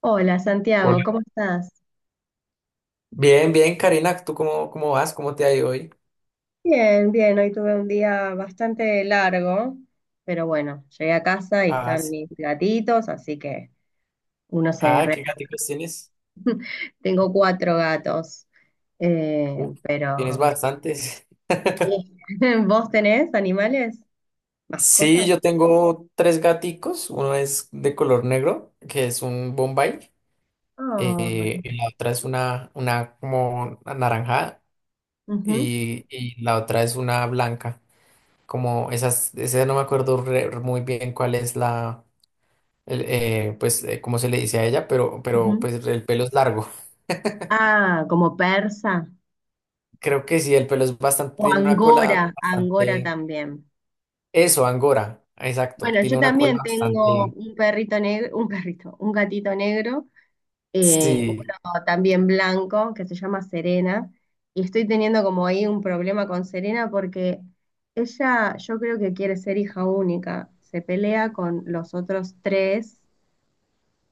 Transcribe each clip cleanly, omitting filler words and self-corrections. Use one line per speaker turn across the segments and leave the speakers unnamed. Hola Santiago,
Hola.
¿cómo estás?
Bien, bien, Karina, ¿tú cómo vas? ¿Cómo te ha ido hoy?
Bien, bien, hoy tuve un día bastante largo, pero bueno, llegué a casa y
Ah,
están
s-
mis gatitos, así que uno se
ah,
relaja.
¿qué gaticos tienes?
Tengo cuatro gatos,
Uf, tienes
pero
bastantes.
sí. ¿Vos tenés animales?
Sí,
¿Mascotas?
yo tengo tres gaticos. Uno es de color negro, que es un Bombay.
Ay,
Y la otra es una, como anaranjada.
ujú,
Y la otra es una blanca. Como esas, esa no me acuerdo muy bien cuál es la, cómo se le dice a ella, pero
ujú.
pues el pelo es largo.
Ah, como persa
Creo que sí, el pelo es bastante,
o
tiene una
angora,
cola
angora
bastante,
también.
eso, Angora, exacto,
Bueno, yo
tiene una cola
también tengo
bastante,
un perrito negro, un perrito, un gatito negro
sí,
uno también blanco que se llama Serena, y estoy teniendo como ahí un problema con Serena porque ella yo creo que quiere ser hija única, se pelea con los otros tres,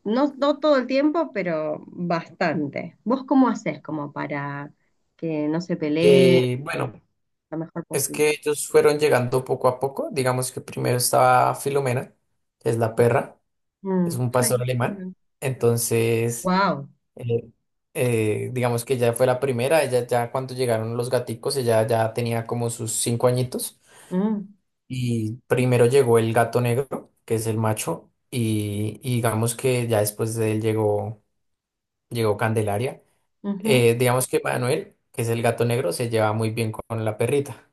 no todo el tiempo, pero bastante. ¿Vos cómo haces como para que no se pelee
bueno,
lo mejor
es
posible?
que ellos fueron llegando poco a poco. Digamos que primero estaba Filomena, que es la perra, es
Mm.
un pastor alemán. entonces,
Wow.
eh, digamos que ella fue la primera, ella ya cuando llegaron los gaticos ella ya tenía como sus cinco añitos.
Mm,
Y primero llegó el gato negro, que es el macho, y digamos que ya después de él llegó Candelaria.
ujú.
Digamos que Manuel, que es el gato negro, se lleva muy bien con la perrita.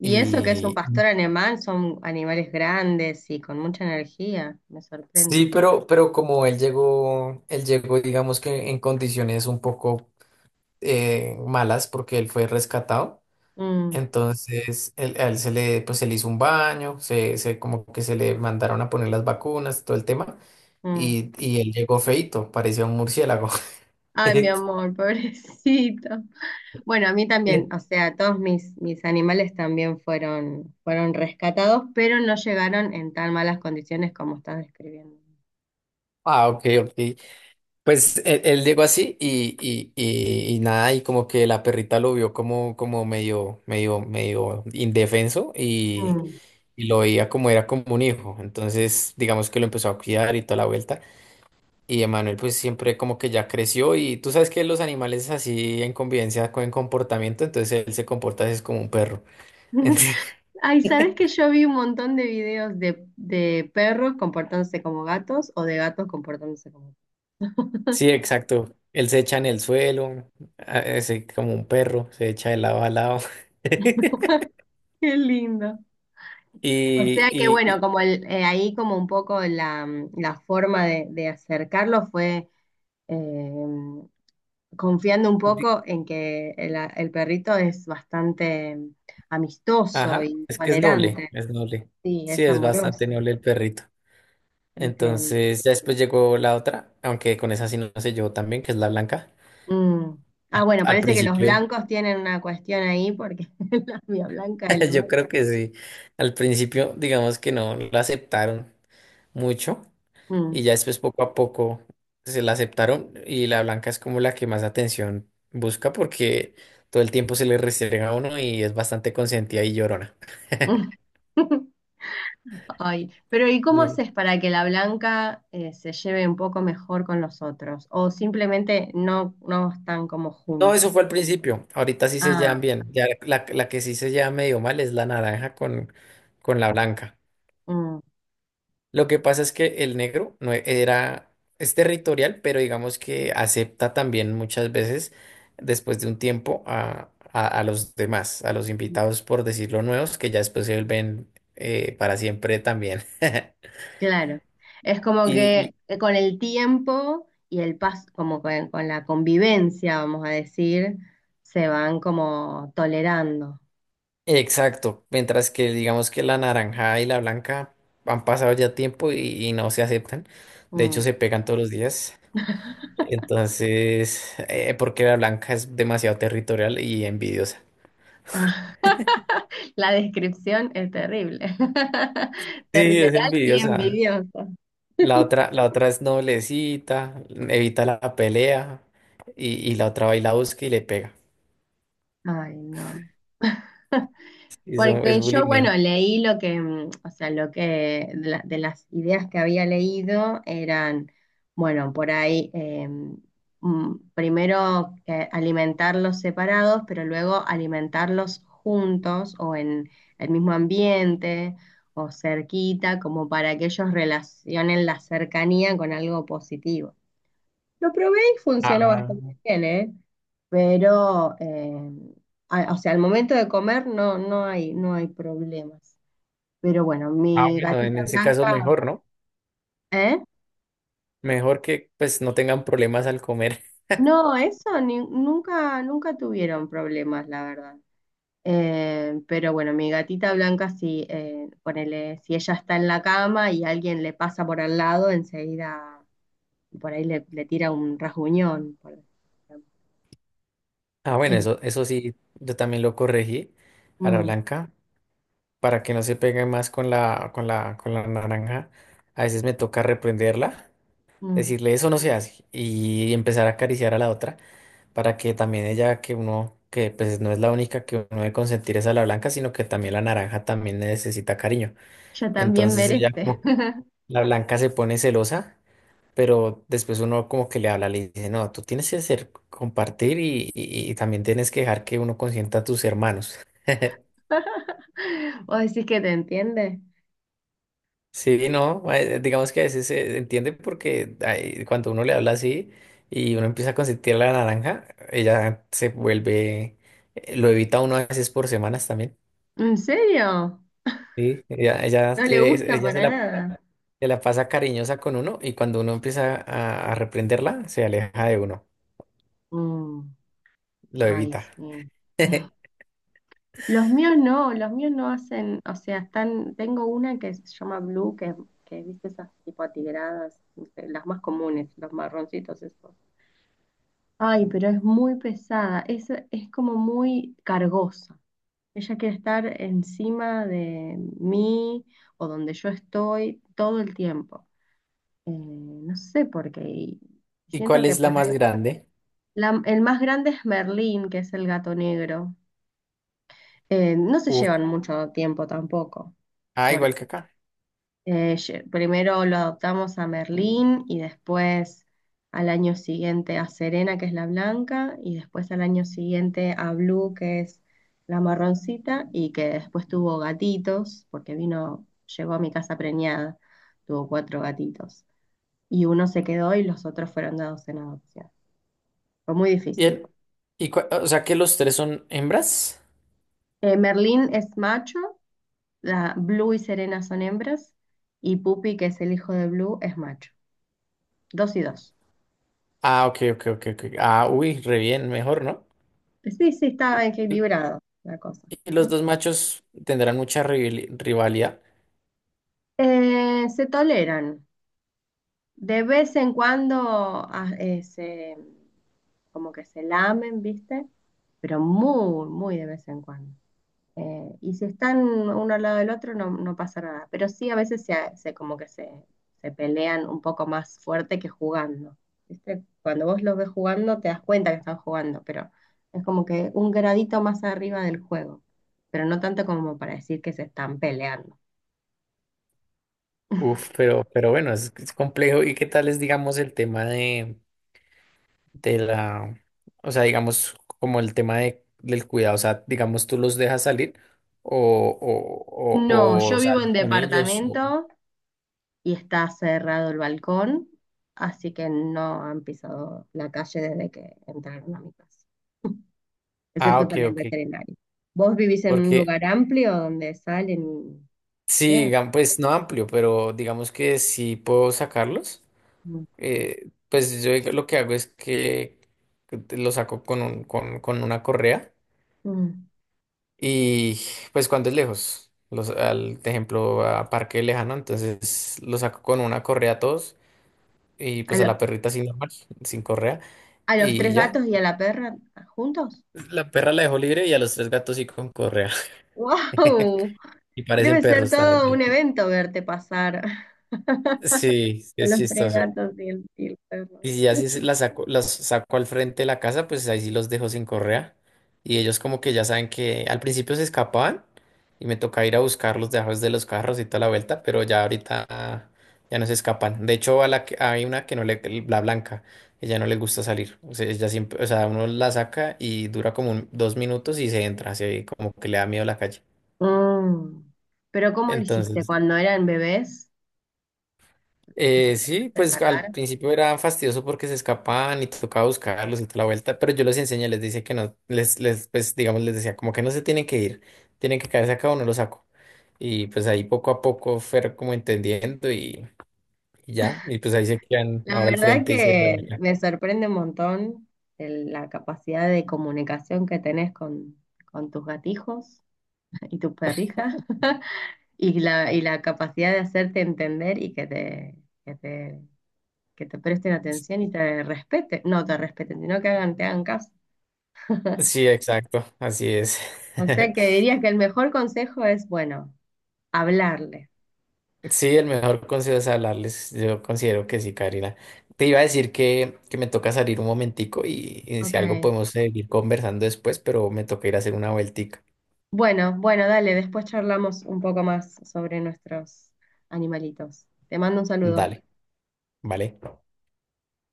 Y eso que es un
Y
pastor alemán, son animales grandes y con mucha energía, me sorprende.
sí, pero como él llegó, digamos que en condiciones un poco malas, porque él fue rescatado.
Mm,
Entonces, a él se le, pues, se le hizo un baño, como que se le mandaron a poner las vacunas, todo el tema,
mm.
y él llegó feito, parecía un murciélago.
Ay, mi amor, pobrecito. Bueno, a mí también,
Eh,
o sea, todos mis, mis animales también fueron, fueron rescatados, pero no llegaron en tan malas condiciones como estás describiendo.
Ah, ok, ok. Pues él llegó así, y nada, y como que la perrita lo vio como, medio indefenso,
Mm.
y lo veía como era como un hijo. Entonces, digamos que lo empezó a cuidar y toda la vuelta. Y Emanuel pues siempre como que ya creció, y tú sabes que los animales así en convivencia con comportamiento, entonces él se comporta así, es como un perro. Entonces,
Ay, ¿sabes que yo vi un montón de videos de perros comportándose como gatos o de gatos comportándose como perros?
sí, exacto. Él se echa en el suelo, así como un perro, se echa de lado a lado.
Qué lindo. O sea
Y,
que
y,
bueno,
y-
como el, ahí como un poco la, la forma de acercarlo fue eh, confiando un
di-
poco en que el perrito es bastante amistoso
ajá,
y
es que es noble,
tolerante.
es noble.
Sí,
Sí,
es
es bastante
amoroso.
noble el perrito.
Entiendo.
Entonces ya después llegó la otra, aunque con esa sí no se llevó tan bien, que es la blanca.
Mm. Ah,
Al
bueno,
al
parece que los
principio...
blancos tienen una cuestión ahí porque la mía blanca es lo
Yo creo que sí. Al principio, digamos que no la aceptaron mucho, y
mismo.
ya después poco a poco se la aceptaron, y la blanca es como la que más atención busca porque todo el tiempo se le restrega a uno, y es bastante consentida y llorona.
Mm. Ay, pero ¿y cómo
Sí.
haces para que la blanca se lleve un poco mejor con los otros? ¿O simplemente no están como
No,
juntos?
eso fue al principio. Ahorita sí se
Ah,
llevan bien. Ya la que sí se lleva medio mal es la naranja con la blanca.
mm.
Lo que pasa es que el negro no e- era, es territorial, pero digamos que acepta también muchas veces, después de un tiempo, a los demás, a los invitados, por decirlo, nuevos, que ya después se vuelven para siempre también.
Claro, es como
Y,
que
y-
con el tiempo y el paso, como con la convivencia, vamos a decir, se van como tolerando.
exacto, mientras que digamos que la naranja y la blanca han pasado ya tiempo, y no se aceptan, de hecho
Mm.
se pegan todos los días, entonces, porque la blanca es demasiado territorial y envidiosa.
Ah, la descripción es terrible,
Sí, es
territorial y
envidiosa.
envidiosa.
La otra es noblecita, evita la pelea, y la otra va y la busca y le pega.
Ay, no.
Y eso es
Porque yo, bueno,
bulimia.
leí lo que, o sea, lo que de, la- de las ideas que había leído eran, bueno, por ahí, primero que alimentarlos separados, pero luego alimentarlos juntos o en el mismo ambiente o cerquita, como para que ellos relacionen la cercanía con algo positivo. Lo probé y funcionó
Ah,
bastante bien, ¿eh? Pero, a- o sea, al momento de comer no, no hay problemas. Pero bueno,
ah,
mi
bueno,
gatita
en ese caso
blanca,
mejor, ¿no?
¿eh?
Mejor que pues no tengan problemas al comer.
No, eso ni- nunca, nunca tuvieron problemas, la verdad. Pero bueno, mi gatita blanca, si, ponele, si ella está en la cama y alguien le pasa por al lado, enseguida por ahí le, le tira un rasguñón, por ejemplo.
Ah, bueno,
Eh,
eso sí, yo también lo corregí a la
mm,
blanca para que no se pegue más con con la naranja. A veces me toca reprenderla,
mm,
decirle eso no se hace, y empezar a acariciar a la otra, para que también ella, que uno, que pues no es la única que uno debe consentir es a la blanca, sino que también la naranja también necesita cariño.
ella también
Entonces ella
merece.
como, la blanca se pone celosa, pero después uno como que le habla, le dice, no, tú tienes que ser, compartir, y también tienes que dejar que uno consienta a tus hermanos.
¿Vos decís que te entiende?
Sí, no, digamos que a veces se entiende porque ay, cuando uno le habla así y uno empieza a consentir la naranja, ella se vuelve, lo evita uno a veces por semanas también.
¿En serio?
Sí, ella
No le
quiere,
gusta. Sí.
ella
Para nada.
se la pasa cariñosa con uno, y cuando uno empieza a reprenderla, se aleja de uno,
Mm,
lo
ay,
evita.
sí. Los míos no hacen, o sea, están, tengo una que se llama Blue, que viste esas tipo atigradas, no sé, las más comunes, los marroncitos esos. Ay, pero es muy pesada, es como muy cargosa. Ella quiere estar encima de mí o donde yo estoy todo el tiempo. No sé por qué. Y
¿Y
siento
cuál
que
es la
por
más
ahí-
grande?
la- el más grande es Merlín, que es el gato negro. No se
Uf.
llevan mucho tiempo tampoco.
Ah,
Porque
igual que acá.
lle- primero lo adoptamos a Merlín y después al año siguiente a Serena, que es la blanca, y después al año siguiente a Blue, que es la marroncita, y que después tuvo gatitos, porque vino, llegó a mi casa preñada, tuvo cuatro gatitos. Y uno se quedó y los otros fueron dados en adopción. Fue muy difícil.
Bien. ¿Y o sea que los tres son hembras?
Merlín es macho, la Blue y Serena son hembras, y Pupi, que es el hijo de Blue, es macho. Dos y dos.
Ah, ok, ok, ok, ok. Ah, uy, re bien, mejor, ¿no?
Sí, sí,
Y-
está
y-
equilibrado la cosa.
y los dos machos tendrán mucha rivalidad.
Se toleran. De vez en cuando se, como que se lamen, ¿viste? Pero muy, muy de vez en cuando. Y si están uno al lado del otro, no, no pasa nada. Pero sí, a veces se, se- como que se pelean un poco más fuerte que jugando. ¿Viste? Cuando vos los ves jugando, te das cuenta que están jugando, pero es como que un gradito más arriba del juego. Pero no tanto como para decir que se están peleando.
Uf, pero bueno, es complejo. ¿Y qué tal es, digamos, el tema de la, o sea, digamos, como el tema de, del cuidado? O sea, digamos, tú los dejas salir
No,
o
yo vivo
sales
en
con ellos.
departamento y está cerrado el balcón, así que no han pisado la calle desde que entraron a mi casa.
Ah,
Excepto
ok,
para el
ok.
veterinario. ¿Vos vivís en un
Porque
lugar amplio donde salen y
sí,
pasean?
pues no amplio, pero digamos que si puedo sacarlos,
Mm.
pues yo lo que hago es que los saco con una correa.
Mm.
Y pues cuando es lejos, los, al de ejemplo a parque lejano, entonces lo saco con una correa a todos, y
¿A,
pues a
lo-
la perrita sin normal, sin correa,
a los
y
tres
ya.
gatos y a la perra juntos?
La perra la dejo libre, y a los tres gatos sí con correa.
¡Wow!
Y parecen
Debe ser
perros también.
todo un evento verte pasar
Sí, sí
a
es
los tres
chistoso.
gatos y el perro.
Y si ya si se- las saco al frente de la casa, pues ahí sí los dejo sin correa. Y ellos como que ya saben que al principio se escapaban y me toca ir a buscarlos debajo de los carros y toda la vuelta, pero ya ahorita ya no se escapan. De hecho, a la que, hay una que no le, la blanca, ella no le gusta salir. O sea, ella siempre, o sea, uno la saca y dura como dos minutos y se entra, así como que le da miedo la calle.
Mm. ¿Pero cómo lo hiciste?
Entonces,
¿Cuando eran bebés? ¿Los
Sí,
empezaste a
pues
sacar?
al principio era fastidioso porque se escapaban y tocaba buscarlos y toda la vuelta, pero yo les enseñé, les decía que no, pues digamos, les decía como que no se tienen que ir, tienen que quedarse acá o no los saco. Y pues ahí poco a poco fueron como entendiendo, y ya, y pues ahí se quedan
La
ahora al
verdad
frente y se
que
rebelan.
me sorprende un montón el- la capacidad de comunicación que tenés con tus gatijos y tu perrija y la capacidad de hacerte entender y que te, que te, que te presten atención y te respeten, no te respeten, sino que hagan, te hagan caso.
Sí, exacto, así es.
O sea que dirías que el mejor consejo es, bueno, hablarle.
Sí, el mejor consejo es hablarles. Yo considero que sí, Karina. Te iba a decir que me toca salir un momentico, y si algo
Ok.
podemos seguir conversando después, pero me toca ir a hacer una vueltica.
Bueno, bueno, dale, después charlamos un poco más sobre nuestros animalitos. Te mando un saludo.
Dale, ¿vale?